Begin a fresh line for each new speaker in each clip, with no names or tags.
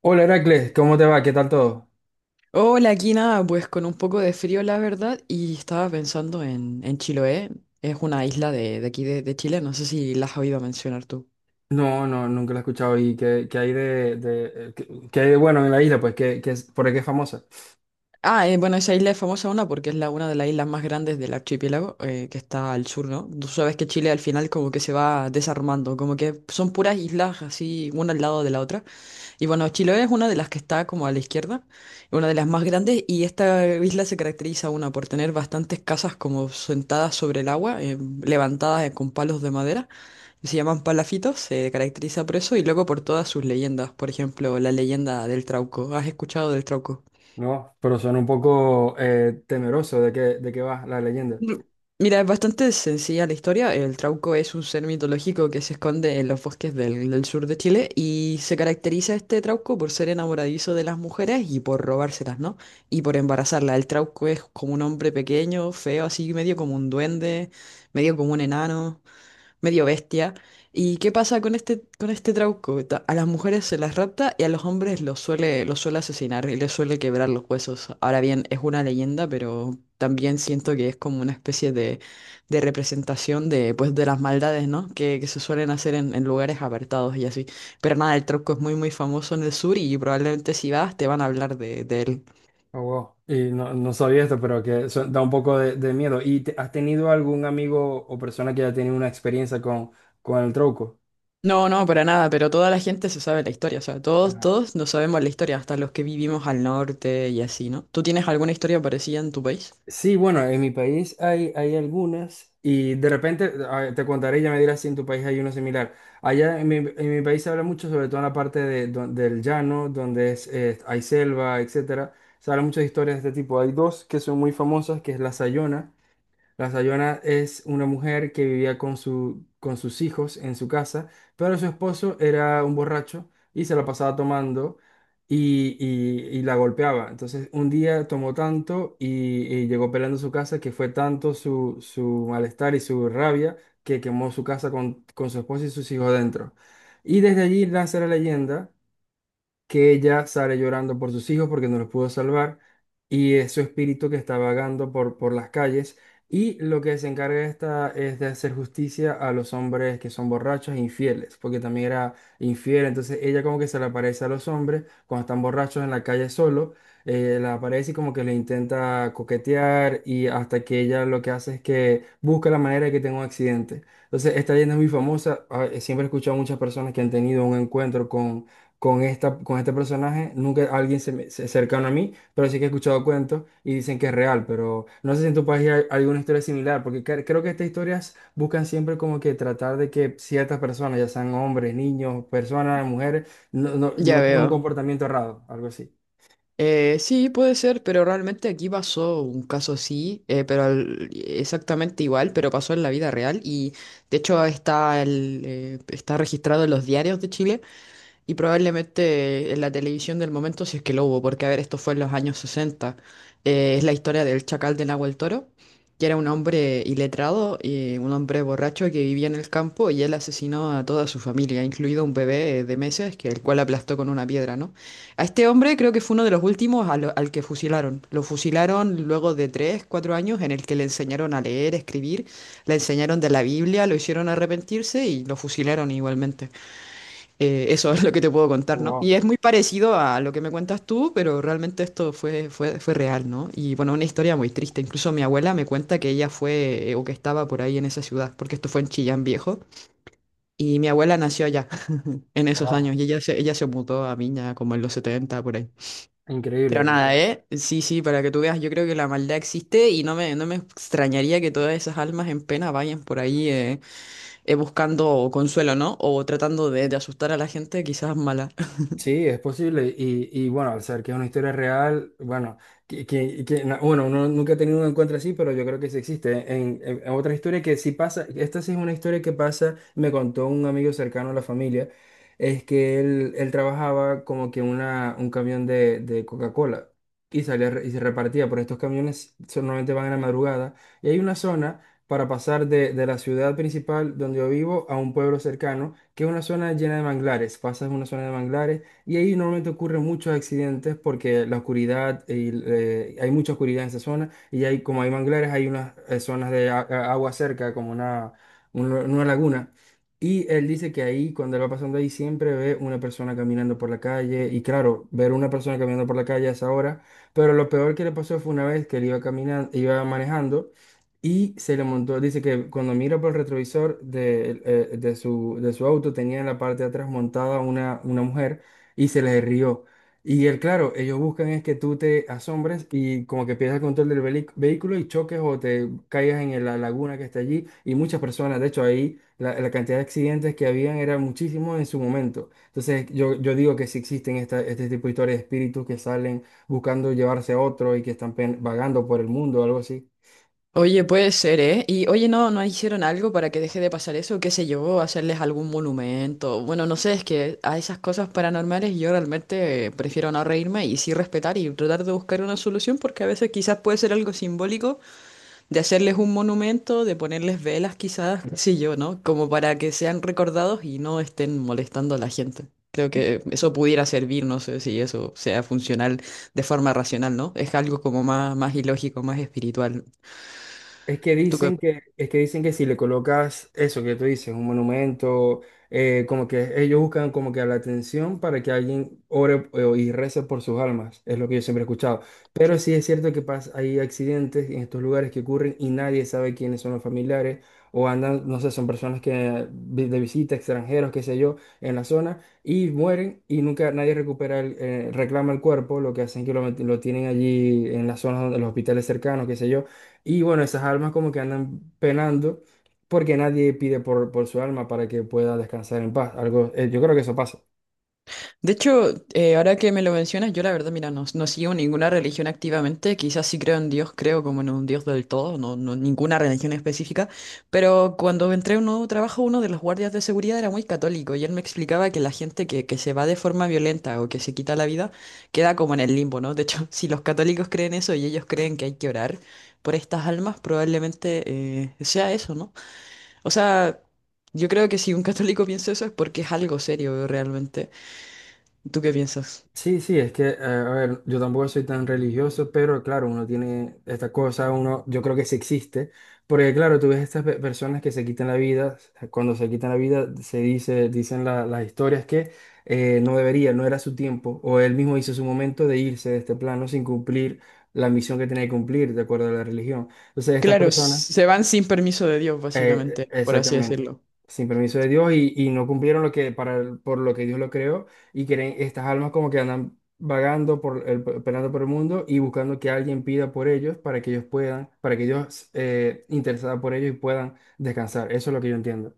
Hola Heracles, ¿cómo te va? ¿Qué tal todo?
Hola, aquí nada, pues con un poco de frío, la verdad, y estaba pensando en Chiloé, es una isla de aquí de Chile, no sé si la has oído mencionar tú.
No, no, nunca lo he escuchado. ¿Y qué hay de qué hay de bueno en la isla? Pues ¿qué es, por qué es famosa?
Bueno, esa isla es famosa una porque es una de las islas más grandes del archipiélago, que está al sur, ¿no? Tú sabes que Chile al final como que se va desarmando, como que son puras islas así, una al lado de la otra. Y bueno, Chiloé es una de las que está como a la izquierda, una de las más grandes, y esta isla se caracteriza, una, por tener bastantes casas como sentadas sobre el agua, levantadas con palos de madera, y se llaman palafitos, se caracteriza por eso, y luego por todas sus leyendas, por ejemplo, la leyenda del Trauco. ¿Has escuchado del Trauco?
No, pero suena un poco temeroso de de qué va la leyenda.
Mm, Mira, es bastante sencilla la historia. El Trauco es un ser mitológico que se esconde en los bosques del sur de Chile y se caracteriza este Trauco por ser enamoradizo de las mujeres y por robárselas, ¿no? Y por embarazarlas. El Trauco es como un hombre pequeño, feo, así medio como un duende, medio como un enano medio bestia. ¿Y qué pasa con este Trauco? A las mujeres se las rapta y a los hombres los suele asesinar y les suele quebrar los huesos. Ahora bien, es una leyenda, pero también siento que es como una especie de representación de, pues, de las maldades, ¿no? Que se suelen hacer en lugares apartados y así. Pero nada, el Trauco es muy, muy famoso en el sur y probablemente si vas te van a hablar de él.
Oh, wow. Y no, no sabía esto, pero da un poco de miedo. ¿Y has tenido algún amigo o persona que haya tenido una experiencia con el truco?
No, no, para nada, pero toda la gente se sabe la historia, o sea, todos nos sabemos la historia, hasta los que vivimos al norte y así, ¿no? ¿Tú tienes alguna historia parecida en tu país?
Sí, bueno, en mi país hay algunas y de repente te contaré y ya me dirás si en tu país hay uno similar. Allá en mi país se habla mucho, sobre todo en la parte de del llano, donde es, hay selva, etcétera. Se habla muchas historias de este tipo. Hay dos que son muy famosas, que es la Sayona. La Sayona es una mujer que vivía con con sus hijos en su casa, pero su esposo era un borracho y se la pasaba tomando y la golpeaba. Entonces un día tomó y llegó peleando a su casa, que fue tanto su malestar y su rabia que quemó su casa con su esposo y sus hijos dentro. Y desde allí nace la leyenda que ella sale llorando por sus hijos porque no los pudo salvar, y es su espíritu que está vagando por las calles, y lo que se encarga esta es de hacer justicia a los hombres que son borrachos e infieles, porque también era infiel. Entonces ella como que se le aparece a los hombres cuando están borrachos en la calle solo, la aparece y como que le intenta coquetear, y hasta que ella lo que hace es que busca la manera de que tenga un accidente. Entonces esta leyenda es muy famosa, siempre he escuchado a muchas personas que han tenido un encuentro con este personaje. Nunca alguien cercano a mí, pero sí que he escuchado cuentos y dicen que es real, pero no sé si en tu país hay alguna historia similar, porque creo que estas historias buscan siempre como que tratar de que ciertas personas, ya sean hombres, niños, personas, mujeres,
Ya
no tengan un
veo.
comportamiento errado, algo así.
Sí, puede ser, pero realmente aquí pasó un caso así, pero exactamente igual, pero pasó en la vida real y de hecho está, está registrado en los diarios de Chile. Y probablemente en la televisión del momento, si es que lo hubo, porque a ver, esto fue en los años 60 es la historia del chacal de Nahuel Toro, que era un hombre iletrado y un hombre borracho que vivía en el campo y él asesinó a toda su familia, incluido un bebé de meses, que el cual aplastó con una piedra, ¿no? A este hombre creo que fue uno de los últimos al que fusilaron. Lo fusilaron luego de tres, cuatro años en el que le enseñaron a leer, escribir, le enseñaron de la Biblia, lo hicieron arrepentirse y lo fusilaron igualmente. Eso es lo que te puedo contar, ¿no?
Wow,
Y es muy parecido a lo que me cuentas tú, pero realmente esto fue real, ¿no? Y bueno, una historia muy triste. Incluso mi abuela me cuenta que ella fue o que estaba por ahí en esa ciudad, porque esto fue en Chillán Viejo. Y mi abuela nació allá en esos
wow.
años y ella se mudó a Viña como en los 70 por ahí.
Increíble.
Pero nada, ¿eh? Sí, sí, para que tú veas, yo creo que la maldad existe y no me extrañaría que todas esas almas en pena vayan por ahí buscando consuelo, ¿no? O tratando de asustar a la gente, quizás mala.
Sí, es posible. Y bueno, al ser que es una historia real, bueno, bueno, uno nunca ha tenido un encuentro así, pero yo creo que sí existe. En, en otra historia que sí pasa, esta sí es una historia que pasa, me contó un amigo cercano a la familia. Es que él trabajaba como que un camión de Coca-Cola y se repartía, pero estos camiones solamente van en la madrugada, y hay una zona para pasar de la ciudad principal donde yo vivo a un pueblo cercano, que es una zona llena de manglares. Pasas una zona de manglares y ahí normalmente ocurren muchos accidentes porque la oscuridad, y, hay mucha oscuridad en esa zona, y hay, como hay manglares, hay unas zonas de agua cerca, como una laguna. Y él dice que ahí, cuando él va pasando ahí, siempre ve una persona caminando por la calle. Y claro, ver una persona caminando por la calle a esa hora. Pero lo peor que le pasó fue una vez que él iba caminando, iba manejando, y se le montó. Dice que cuando mira por el retrovisor de su auto, tenía en la parte de atrás montada una mujer, y se le rió. Y él, claro, ellos buscan es que tú te asombres y como que pierdas el control del vehículo y choques o te caigas en la laguna que está allí. Y muchas personas, de hecho, ahí la cantidad de accidentes que habían era muchísimo en su momento. Entonces, yo digo que si existen este tipo de historias de espíritus que salen buscando llevarse a otro y que están vagando por el mundo o algo así.
Oye, puede ser, ¿eh? Y oye, ¿no hicieron algo para que deje de pasar eso? ¿Qué sé yo? ¿Hacerles algún monumento? Bueno, no sé, es que a esas cosas paranormales yo realmente prefiero no reírme y sí respetar y tratar de buscar una solución porque a veces quizás puede ser algo simbólico de hacerles un monumento, de ponerles velas quizás, qué sé yo, ¿no? Como para que sean recordados y no estén molestando a la gente. Creo que eso pudiera servir, no sé si eso sea funcional de forma racional, ¿no? Es algo como más, más ilógico, más espiritual.
Es que
¿Tú qué
dicen que, es que dicen que si le colocas eso que tú dices, un monumento, como que ellos buscan como que la atención para que alguien ore y rece por sus almas, es lo que yo siempre he escuchado. Pero sí es cierto que pasa, hay accidentes en estos lugares que ocurren y nadie sabe quiénes son los familiares, o andan, no sé, son personas que de visita, extranjeros, qué sé yo, en la zona, y mueren y nunca nadie recupera el, reclama el cuerpo. Lo que hacen que lo, lo tienen allí en las zonas donde los hospitales cercanos, qué sé yo, y bueno, esas almas como que andan penando porque nadie pide por su alma para que pueda descansar en paz. Algo, yo creo que eso pasa.
De hecho, ahora que me lo mencionas, yo la verdad, mira, no sigo ninguna religión activamente, quizás sí creo en Dios, creo como en un Dios del todo, no ninguna religión específica, pero cuando entré a un nuevo trabajo, uno de los guardias de seguridad era muy católico y él me explicaba que la gente que se va de forma violenta o que se quita la vida queda como en el limbo, ¿no? De hecho, si los católicos creen eso y ellos creen que hay que orar por estas almas, probablemente sea eso, ¿no? O sea... Yo creo que si un católico piensa eso es porque es algo serio realmente. ¿Tú qué piensas?
Sí, sí, es que, a ver, yo tampoco soy tan religioso, pero claro, uno tiene esta cosa, uno, yo creo que sí existe, porque claro, tú ves estas personas que se quitan la vida. Cuando se quitan la vida se dice, dicen las historias que no debería, no era su tiempo, o él mismo hizo su momento de irse de este plano sin cumplir la misión que tenía que cumplir, de acuerdo a la religión. Entonces, estas
Claro,
personas...
se van sin permiso de Dios, básicamente, por así
Exactamente.
decirlo.
Sin permiso de Dios, y no cumplieron lo que por lo que Dios lo creó, y creen estas almas como que andan vagando por el, pelando por el mundo y buscando que alguien pida por ellos, para que ellos puedan, para que Dios interesada por ellos y puedan descansar. Eso es lo que yo entiendo.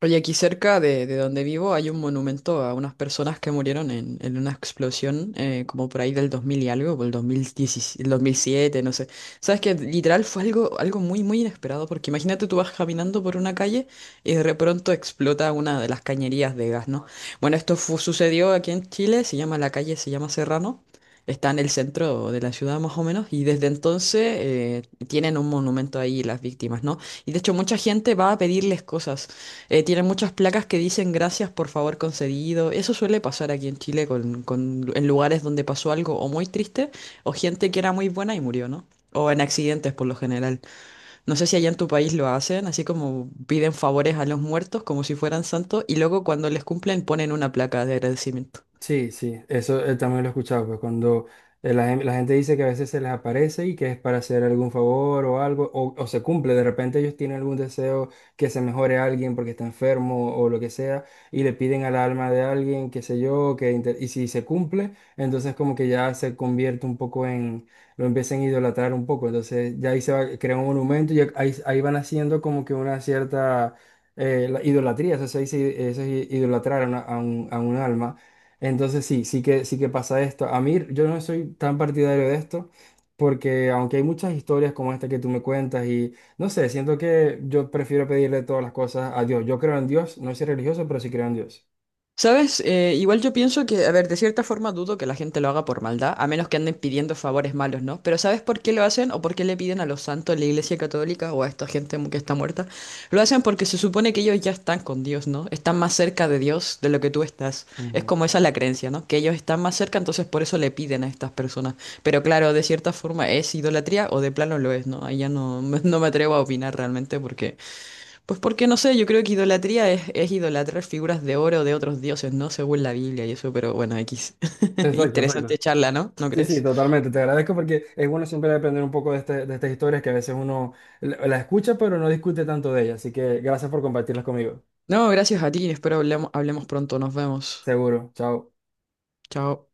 Oye, aquí cerca de donde vivo hay un monumento a unas personas que murieron en una explosión como por ahí del 2000 y algo, por el 2017, el 2007, no sé. Sabes que literal fue algo, algo muy, muy inesperado porque imagínate tú vas caminando por una calle y de pronto explota una de las cañerías de gas, ¿no? Bueno, esto sucedió aquí en Chile, se llama la calle, se llama Serrano. Está en el centro de la ciudad más o menos y desde entonces tienen un monumento ahí las víctimas, ¿no? Y de hecho mucha gente va a pedirles cosas. Tiene muchas placas que dicen gracias por favor concedido. Eso suele pasar aquí en Chile con, en lugares donde pasó algo o muy triste o gente que era muy buena y murió, ¿no? O en accidentes por lo general. No sé si allá en tu país lo hacen, así como piden favores a los muertos como si fueran santos y luego cuando les cumplen ponen una placa de agradecimiento.
Sí, sí, eso, también lo he escuchado, pues cuando la gente dice que a veces se les aparece y que es para hacer algún favor o algo, o se cumple, de repente ellos tienen algún deseo que se mejore a alguien porque está enfermo o lo que sea, y le piden al alma de alguien, qué sé yo, que y si se cumple, entonces como que ya se convierte un poco en, lo empiezan a idolatrar un poco, entonces ya ahí se va, crea un monumento y ahí, ahí van haciendo como que una cierta... la idolatría, eso se dice, eso es idolatrar a a un alma. Entonces sí, sí que pasa esto. A mí yo no soy tan partidario de esto porque aunque hay muchas historias como esta que tú me cuentas, y no sé, siento que yo prefiero pedirle todas las cosas a Dios. Yo creo en Dios, no soy religioso, pero sí creo en Dios.
¿Sabes? Igual yo pienso que, a ver, de cierta forma dudo que la gente lo haga por maldad, a menos que anden pidiendo favores malos, ¿no? Pero ¿sabes por qué lo hacen o por qué le piden a los santos, a la Iglesia Católica o a esta gente que está muerta? Lo hacen porque se supone que ellos ya están con Dios, ¿no? Están más cerca de Dios de lo que tú estás. Es
Ujú.
como esa la creencia, ¿no? Que ellos están más cerca, entonces por eso le piden a estas personas. Pero claro, de cierta forma es idolatría o de plano lo es, ¿no? Ahí ya no, no me atrevo a opinar realmente porque... Pues porque no sé, yo creo que idolatría es idolatrar figuras de oro de otros dioses, ¿no? Según la Biblia y eso, pero bueno, X.
Exacto, exacto.
Interesante charla, ¿no? ¿No
Sí, sí,
crees?
totalmente. Te agradezco porque es bueno siempre aprender un poco de, de estas historias que a veces uno la escucha pero no discute tanto de ellas. Así que gracias por compartirlas conmigo.
No, gracias a ti, espero hablemos pronto, nos vemos.
Seguro. Chao.
Chao.